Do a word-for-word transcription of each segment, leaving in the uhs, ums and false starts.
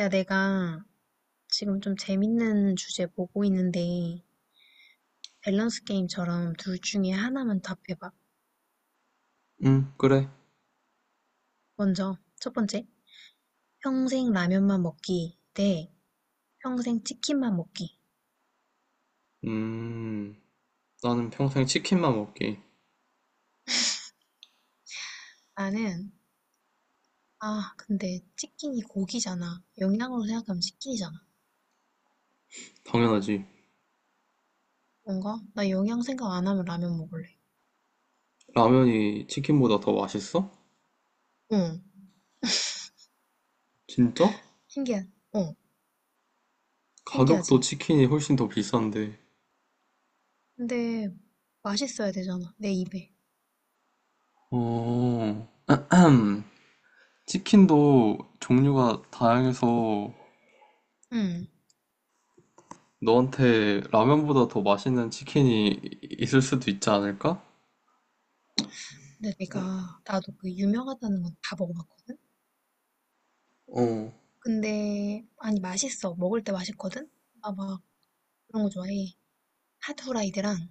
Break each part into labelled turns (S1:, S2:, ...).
S1: 야, 내가 지금 좀 재밌는 주제 보고 있는데, 밸런스 게임처럼 둘 중에 하나만 답해봐.
S2: 음, 그래.
S1: 먼저, 첫 번째, 평생 라면만 먹기 대 평생 치킨만 먹기.
S2: 음, 나는 평생 치킨만 먹기.
S1: 나는, 아, 근데 치킨이 고기잖아. 영양으로 생각하면 치킨이잖아.
S2: 당연하지.
S1: 뭔가? 나 영양 생각 안 하면 라면 먹을래.
S2: 라면이 치킨보다 더 맛있어?
S1: 응.
S2: 진짜?
S1: 신기하, 어,
S2: 가격도
S1: 신기하지.
S2: 치킨이 훨씬 더 비싼데.
S1: 근데 맛있어야 되잖아, 내 입에.
S2: 어, 치킨도 종류가 다양해서
S1: 응.
S2: 너한테 라면보다 더 맛있는 치킨이 있을 수도 있지 않을까?
S1: 근데 내가, 나도 그 유명하다는 건 다 먹어봤거든?
S2: 어,
S1: 근데 아니 맛있어. 먹을 때 맛있거든. 나 막 그런 거 좋아해. 핫 후라이드랑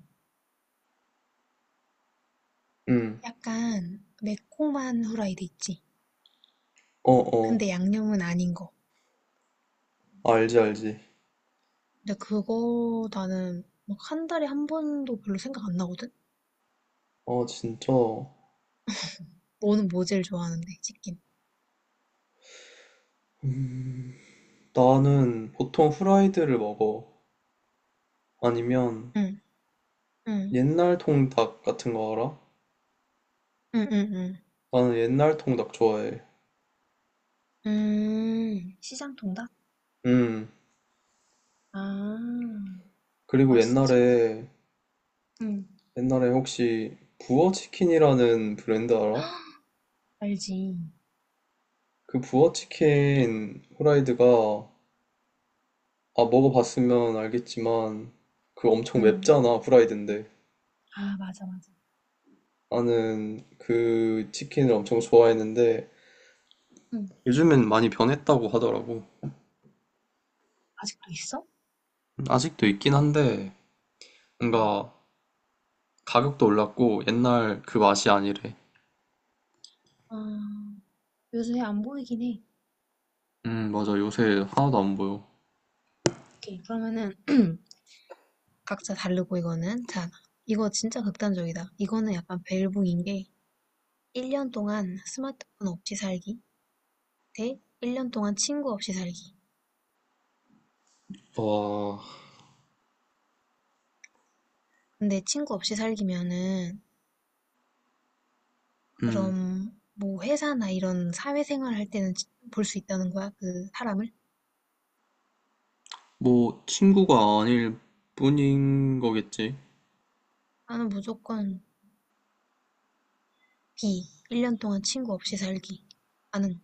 S2: 응,
S1: 약간 매콤한 후라이드 있지.
S2: 어, 어,
S1: 근데 양념은 아닌 거.
S2: 알지, 알지.
S1: 근데 그거 나는 막 한 달에 한 번도 별로 생각 안 나거든.
S2: 어, 진짜.
S1: 너는 뭐 제일 좋아하는데? 치킨.
S2: 나는 보통 후라이드를 먹어. 아니면
S1: 응, 응,
S2: 옛날 통닭 같은 거 알아?
S1: 응, 응, 응.
S2: 나는 옛날 통닭 좋아해.
S1: 음, 시장 통닭?
S2: 음.
S1: 아,
S2: 그리고
S1: 맛있지?
S2: 옛날에
S1: 응,
S2: 옛날에 혹시 부어치킨이라는 브랜드 알아?
S1: 알지.
S2: 그 부어치킨 후라이드가 아 먹어봤으면 알겠지만 그 엄청
S1: 응.
S2: 맵잖아 후라이드인데
S1: 아, 맞아, 맞아.
S2: 나는 그 치킨을 엄청 좋아했는데
S1: 응.
S2: 요즘엔 많이 변했다고 하더라고.
S1: 아직도 있어?
S2: 음, 아직도 있긴 한데
S1: 응.
S2: 뭔가 가격도 올랐고 옛날 그 맛이 아니래.
S1: 아. 요새 안 보이긴 해.
S2: 음 맞아 요새 하나도 안 보여.
S1: 오케이. 그러면은 각자 다르고 이거는 자, 이거 진짜 극단적이다. 이거는 약간 벨붕인 게 일 년 동안 스마트폰 없이 살기 대 일 년 동안 친구 없이 살기.
S2: 와,
S1: 근데 친구 없이 살기면은
S2: 음,
S1: 그럼 뭐 회사나 이런 사회생활 할 때는 볼 수 있다는 거야? 그 사람을?
S2: 뭐 친구가 아닐 뿐인 거겠지.
S1: 나는 무조건 B. 일 년 동안 친구 없이 살기. 나는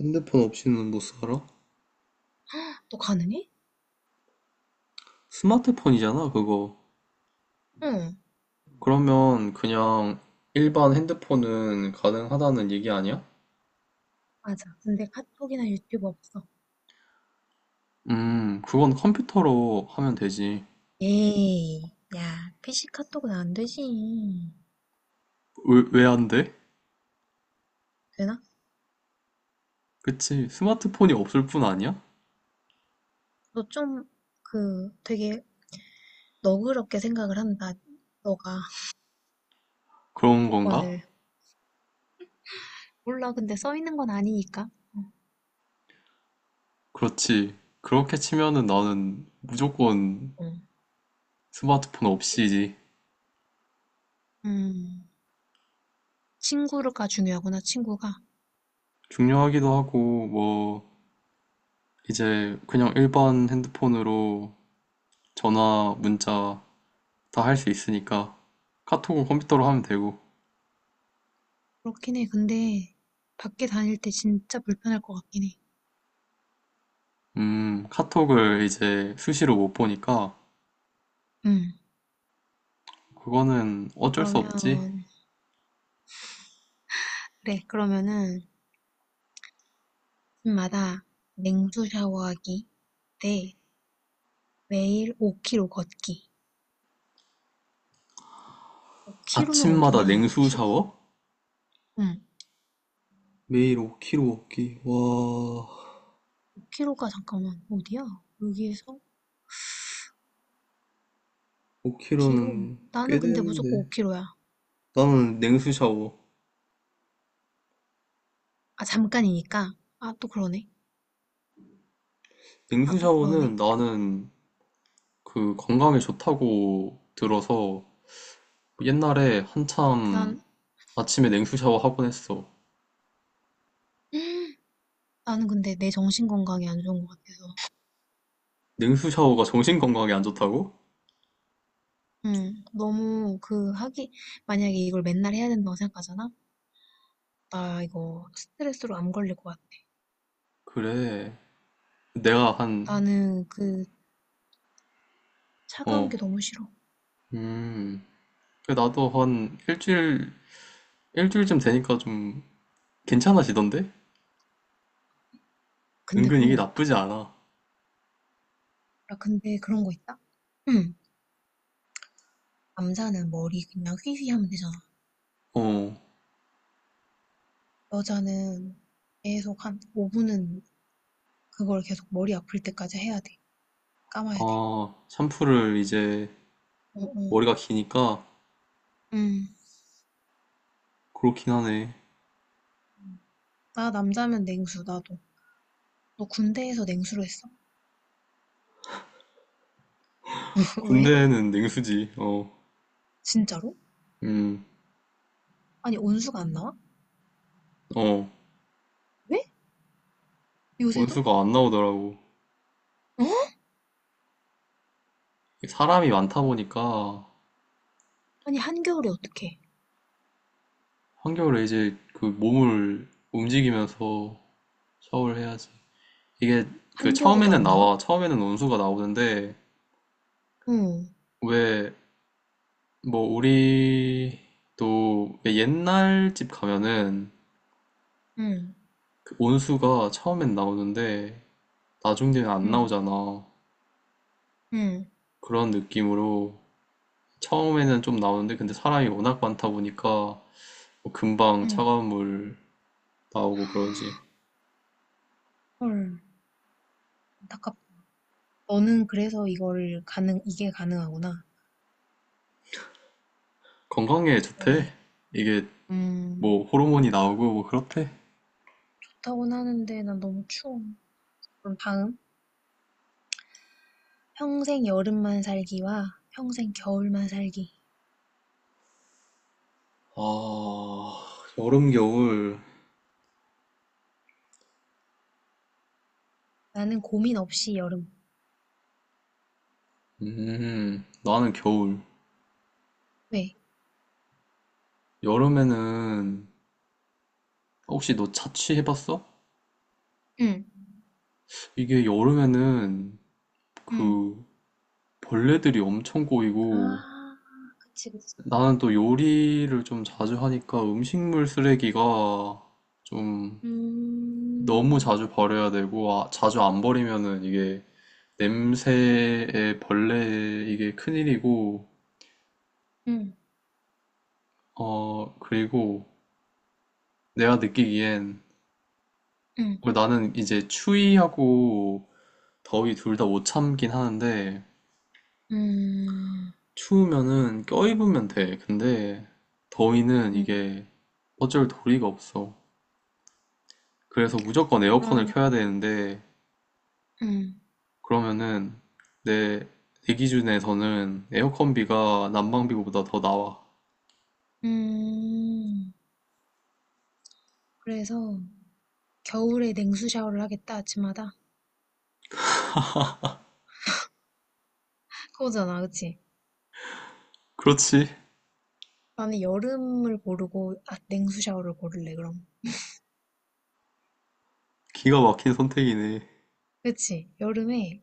S2: 핸드폰 없이는 못 살아?
S1: 또 가능해?
S2: 스마트폰이잖아, 그거.
S1: 응.
S2: 그러면 그냥 일반 핸드폰은 가능하다는 얘기 아니야?
S1: 맞아. 근데 카톡이나 유튜브 없어.
S2: 음, 그건 컴퓨터로 하면 되지.
S1: 에이, 야, 피씨 카톡은 안 되지.
S2: 왜, 왜 안 돼?
S1: 되나?
S2: 그치, 스마트폰이 없을 뿐 아니야?
S1: 너 좀, 그, 되게 너그럽게 생각을 한다. 너가
S2: 그런 건가?
S1: 조건을. 몰라, 근데 써 있는 건 아니니까. 어,
S2: 그렇지. 그렇게 치면은 나는 무조건
S1: 어.
S2: 스마트폰 없이지.
S1: 음, 친구가 중요하구나, 친구가.
S2: 중요하기도 하고, 뭐, 이제 그냥 일반 핸드폰으로 전화, 문자 다 할 수 있으니까 카톡은 컴퓨터로 하면 되고,
S1: 그렇긴 해. 근데 밖에 다닐 때 진짜 불편할 것 같긴 해.
S2: 음, 카톡을 이제 수시로 못 보니까
S1: 음.
S2: 그거는 어쩔 수
S1: 그러면,
S2: 없지.
S1: 그래, 그러면은 집마다 냉수 샤워하기 대 매일 오 킬로미터 걷기. 오 킬로미터면
S2: 아침마다
S1: 어디냐,
S2: 냉수 샤워?
S1: 응.
S2: 매일 오 킬로그램 먹기. 와,
S1: 오 k 로가 잠깐만 어디야? 여기에서 오 킬로미터?
S2: 오 킬로그램은
S1: 나는
S2: 꽤
S1: 근데 무조건 오
S2: 되는데.
S1: k 로야.
S2: 나는 냉수 샤워.
S1: 아 잠깐이니까. 아 또 그러네. 아
S2: 냉수
S1: 또
S2: 샤워는
S1: 그러네.
S2: 나는 그 건강에 좋다고 들어서 옛날에 한참
S1: 난
S2: 아침에 냉수 샤워 하곤 했어.
S1: 나는 근데 내 정신 건강이 안 좋은 것 같아서.
S2: 냉수 샤워가 정신 건강에 안 좋다고?
S1: 응. 너무 그 하기 만약에 이걸 맨날 해야 된다고 생각하잖아. 나 이거 스트레스로 안 걸릴 것 같아.
S2: 그래. 내가 한,
S1: 나는 그 차가운
S2: 어,
S1: 게 너무 싫어.
S2: 음. 그래, 나도 한 일주일, 일주일쯤 되니까 좀 괜찮아지던데?
S1: 근데
S2: 은근
S1: 그런
S2: 이게
S1: 거 있다?
S2: 나쁘지 않아.
S1: 야 근데 그런 거 있다? 응. 남자는 머리 그냥 휘휘 하면 되잖아.
S2: 어,
S1: 여자는 계속 한 오 분은 그걸 계속 머리 아플 때까지 해야 돼. 감아야 돼.
S2: 아, 샴푸를 이제
S1: 어, 어.
S2: 머리가 기니까
S1: 음.
S2: 그렇긴 하네.
S1: 음. 나 남자면 냉수, 나도. 너 군대에서 냉수로 했어? 왜?
S2: 군대는 냉수지, 어,
S1: 진짜로?
S2: 음,
S1: 아니, 온수가 안 나와?
S2: 어,
S1: 왜? 요새도?
S2: 온수가 안 나오더라고.
S1: 어?
S2: 사람이 많다 보니까
S1: 아니, 한겨울에 어떡해?
S2: 한겨울에 이제 그 몸을 움직이면서 샤워를 해야지. 이게 그
S1: 한겨울에도
S2: 처음에는
S1: 안 나와?
S2: 나와. 처음에는 원수가 나오는데
S1: 응,
S2: 왜 뭐 우리도 왜 옛날 집 가면은
S1: 응,
S2: 그 원수가 처음엔 나오는데 나중 되면 안
S1: 응,
S2: 나오잖아.
S1: 응,
S2: 그런 느낌으로 처음에는 좀 나오는데 근데 사람이 워낙 많다 보니까 뭐 금방
S1: 응.
S2: 차가운 물 나오고 그러지.
S1: 헐. 안타깝다. 너는 그래서 이걸 가능, 이게 가능하구나.
S2: 건강에 좋대.
S1: 그러네.
S2: 이게
S1: 음.
S2: 뭐 호르몬이 나오고 뭐 그렇대.
S1: 좋다고는 하는데 난 너무 추워. 그럼 다음. 평생 여름만 살기와 평생 겨울만 살기.
S2: 아, 여름, 겨울
S1: 나는 고민 없이 여름.
S2: 음, 나는 겨울.
S1: 왜?
S2: 여름에는, 혹시 너 자취해봤어?
S1: 응,
S2: 이게 여름에는
S1: 응,
S2: 그 벌레들이 엄청 꼬이고,
S1: 아, 그치, 그치.
S2: 나는 또 요리를 좀 자주 하니까 음식물 쓰레기가 좀 너무
S1: 음,
S2: 자주 버려야 되고, 아, 자주 안 버리면은 이게 냄새에 벌레에 이게 큰일이고,
S1: 응,
S2: 어, 그리고 내가 느끼기엔,
S1: 응,
S2: 어, 나는 이제 추위하고 더위 둘 다 못 참긴 하는데,
S1: 음,
S2: 추우면은 껴입으면 돼. 근데, 더위는
S1: 응.
S2: 이게 어쩔 도리가 없어. 그래서 무조건 에어컨을
S1: 그럼,
S2: 켜야 되는데,
S1: 응,
S2: 그러면은, 내, 내 기준에서는 에어컨비가 난방비보다 더 나와.
S1: 음. 그래서 겨울에 냉수 샤워를 하겠다, 아침마다. 그거잖아, 그치?
S2: 그렇지.
S1: 나는 여름을 고르고, 아, 냉수 샤워를 고를래, 그럼.
S2: 기가 막힌 선택이네.
S1: 그치? 여름에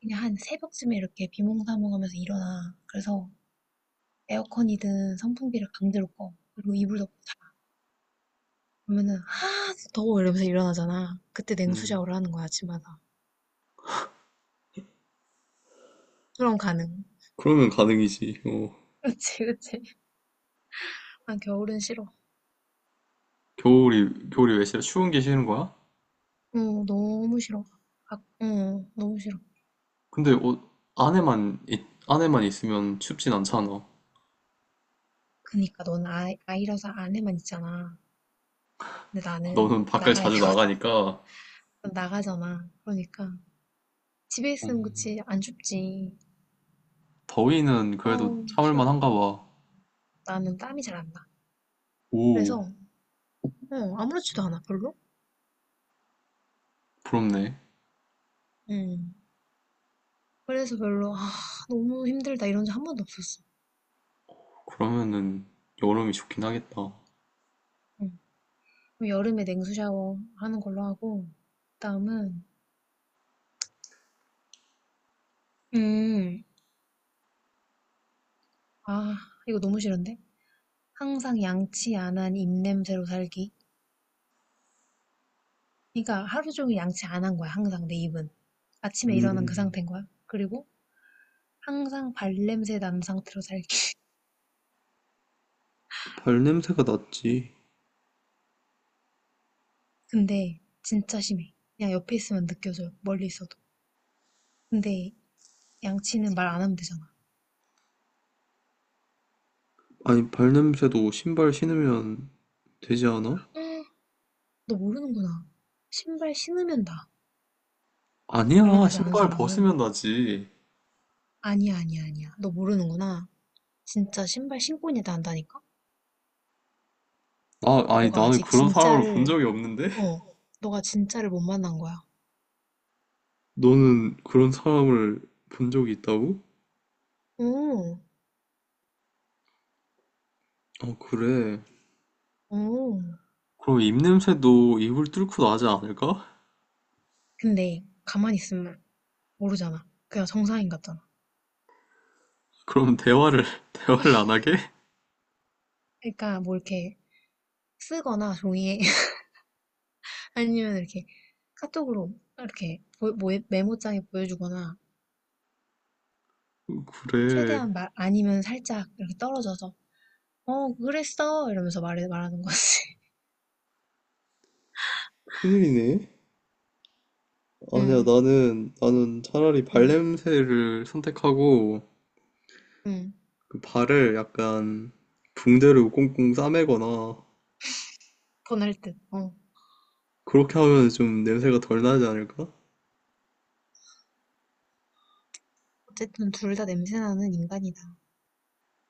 S1: 그냥 한 새벽쯤에 이렇게 비몽사몽하면서 일어나. 그래서 에어컨이든 선풍기를 강제로 꺼. 그리고 이불 덮고 자. 그러면은 아 더워 이러면서 일어나잖아. 그때 냉수
S2: 음,
S1: 샤워를 하는 거야 아침마다. 그럼 가능.
S2: 그러면 가능이지. 어.
S1: 그치 그치. 아 겨울은 싫어.
S2: 겨울이, 겨울이 왜 싫어? 추운 게 싫은 거야?
S1: 어 너무 싫어. 아, 어 너무 싫어.
S2: 근데 옷 안에만, 있- 안에만 있으면 춥진 않잖아.
S1: 그니까 넌 아, 아이라서 안에만 있잖아. 근데 나는
S2: 너는 밖을
S1: 나가야
S2: 자주
S1: 되거든.
S2: 나가니까
S1: 난 나가잖아. 그러니까 집에 있으면
S2: 음,
S1: 그치 안 춥지.
S2: 더위는 그래도
S1: 어우
S2: 참을
S1: 싫어.
S2: 만한가 봐.
S1: 나는 땀이 잘 안 나.
S2: 오,
S1: 그래서 어, 아무렇지도 않아, 별로.
S2: 부럽네.
S1: 음. 그래서 별로, 아, 너무 힘들다, 이런 적 한 번도 없었어.
S2: 그러면은 여름이 좋긴 하겠다.
S1: 음. 그럼 여름에 냉수 샤워 하는 걸로 하고, 그다음은, 음, 아, 이거 너무 싫은데? 항상 양치 안 한 입냄새로 살기. 그러니까 하루 종일 양치 안 한 거야, 항상 내 입은. 아침에 일어난 그
S2: 음,
S1: 상태인 거야. 그리고 항상 발냄새 난 상태로 살기.
S2: 발 냄새가 났지.
S1: 근데 진짜 심해. 그냥 옆에 있으면 느껴져요, 멀리 있어도. 근데 양치는 말 안 하면 되잖아.
S2: 아니, 발 냄새도 신발 신으면 되지 않아?
S1: 너 모르는구나. 신발 신으면 나.
S2: 아니야,
S1: 발냄새 나는
S2: 신발
S1: 사람은.
S2: 벗으면 나지.
S1: 아니야, 아니야, 아니야. 너 모르는구나. 진짜 신발 신고 있는 애 난다니까?
S2: 나, 아니,
S1: 너가
S2: 나는
S1: 아직
S2: 그런 사람을 본
S1: 진짜를,
S2: 적이 없는데?
S1: 어, 너가 진짜를 못 만난 거야.
S2: 너는 그런 사람을 본 적이 있다고?
S1: 오,
S2: 어, 그래.
S1: 오.
S2: 그럼 입냄새도 입을 뚫고 나지 않을까?
S1: 근데 가만히 있으면 모르잖아. 그냥 정상인 같잖아.
S2: 그럼 대화를, 대화를 안 하게?
S1: 그러니까 뭐 이렇게 쓰거나 종이에 아니면 이렇게 카톡으로 이렇게 보- 뭐- 메모장에 보여주거나
S2: 그래.
S1: 최대한 말 아니면 살짝 이렇게 떨어져서 어, 그랬어. 이러면서 말해, 말하는 거지.
S2: 큰일이네. 아니야,
S1: 응,
S2: 나는, 나는 차라리
S1: 응,
S2: 발냄새를 선택하고,
S1: 응,
S2: 그 발을 약간 붕대로 꽁꽁 싸매거나,
S1: 보낼 듯. 어.
S2: 그렇게 하면 좀 냄새가 덜 나지 않을까?
S1: 어쨌든 둘 다 냄새나는 인간이다.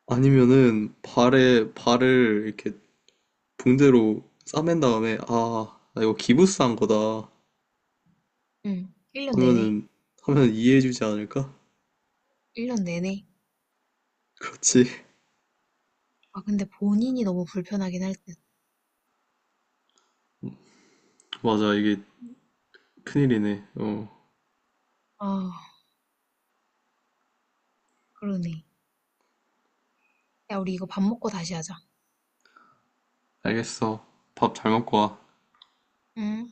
S2: 아니면은, 발에, 발을 이렇게 붕대로 싸맨 다음에, 아, 나 이거 기부스한 거다.
S1: 응. 일 년 내내.
S2: 하면은, 하면 이해해주지 않을까?
S1: 일 년 내내.
S2: 그렇지.
S1: 아, 근데 본인이 너무 불편하긴 할 듯.
S2: 맞아, 이게 큰일이네. 어,
S1: 아, 그러네. 야, 우리 이거 밥 먹고 다시 하자.
S2: 알겠어. 밥 잘 먹고 와.
S1: 응.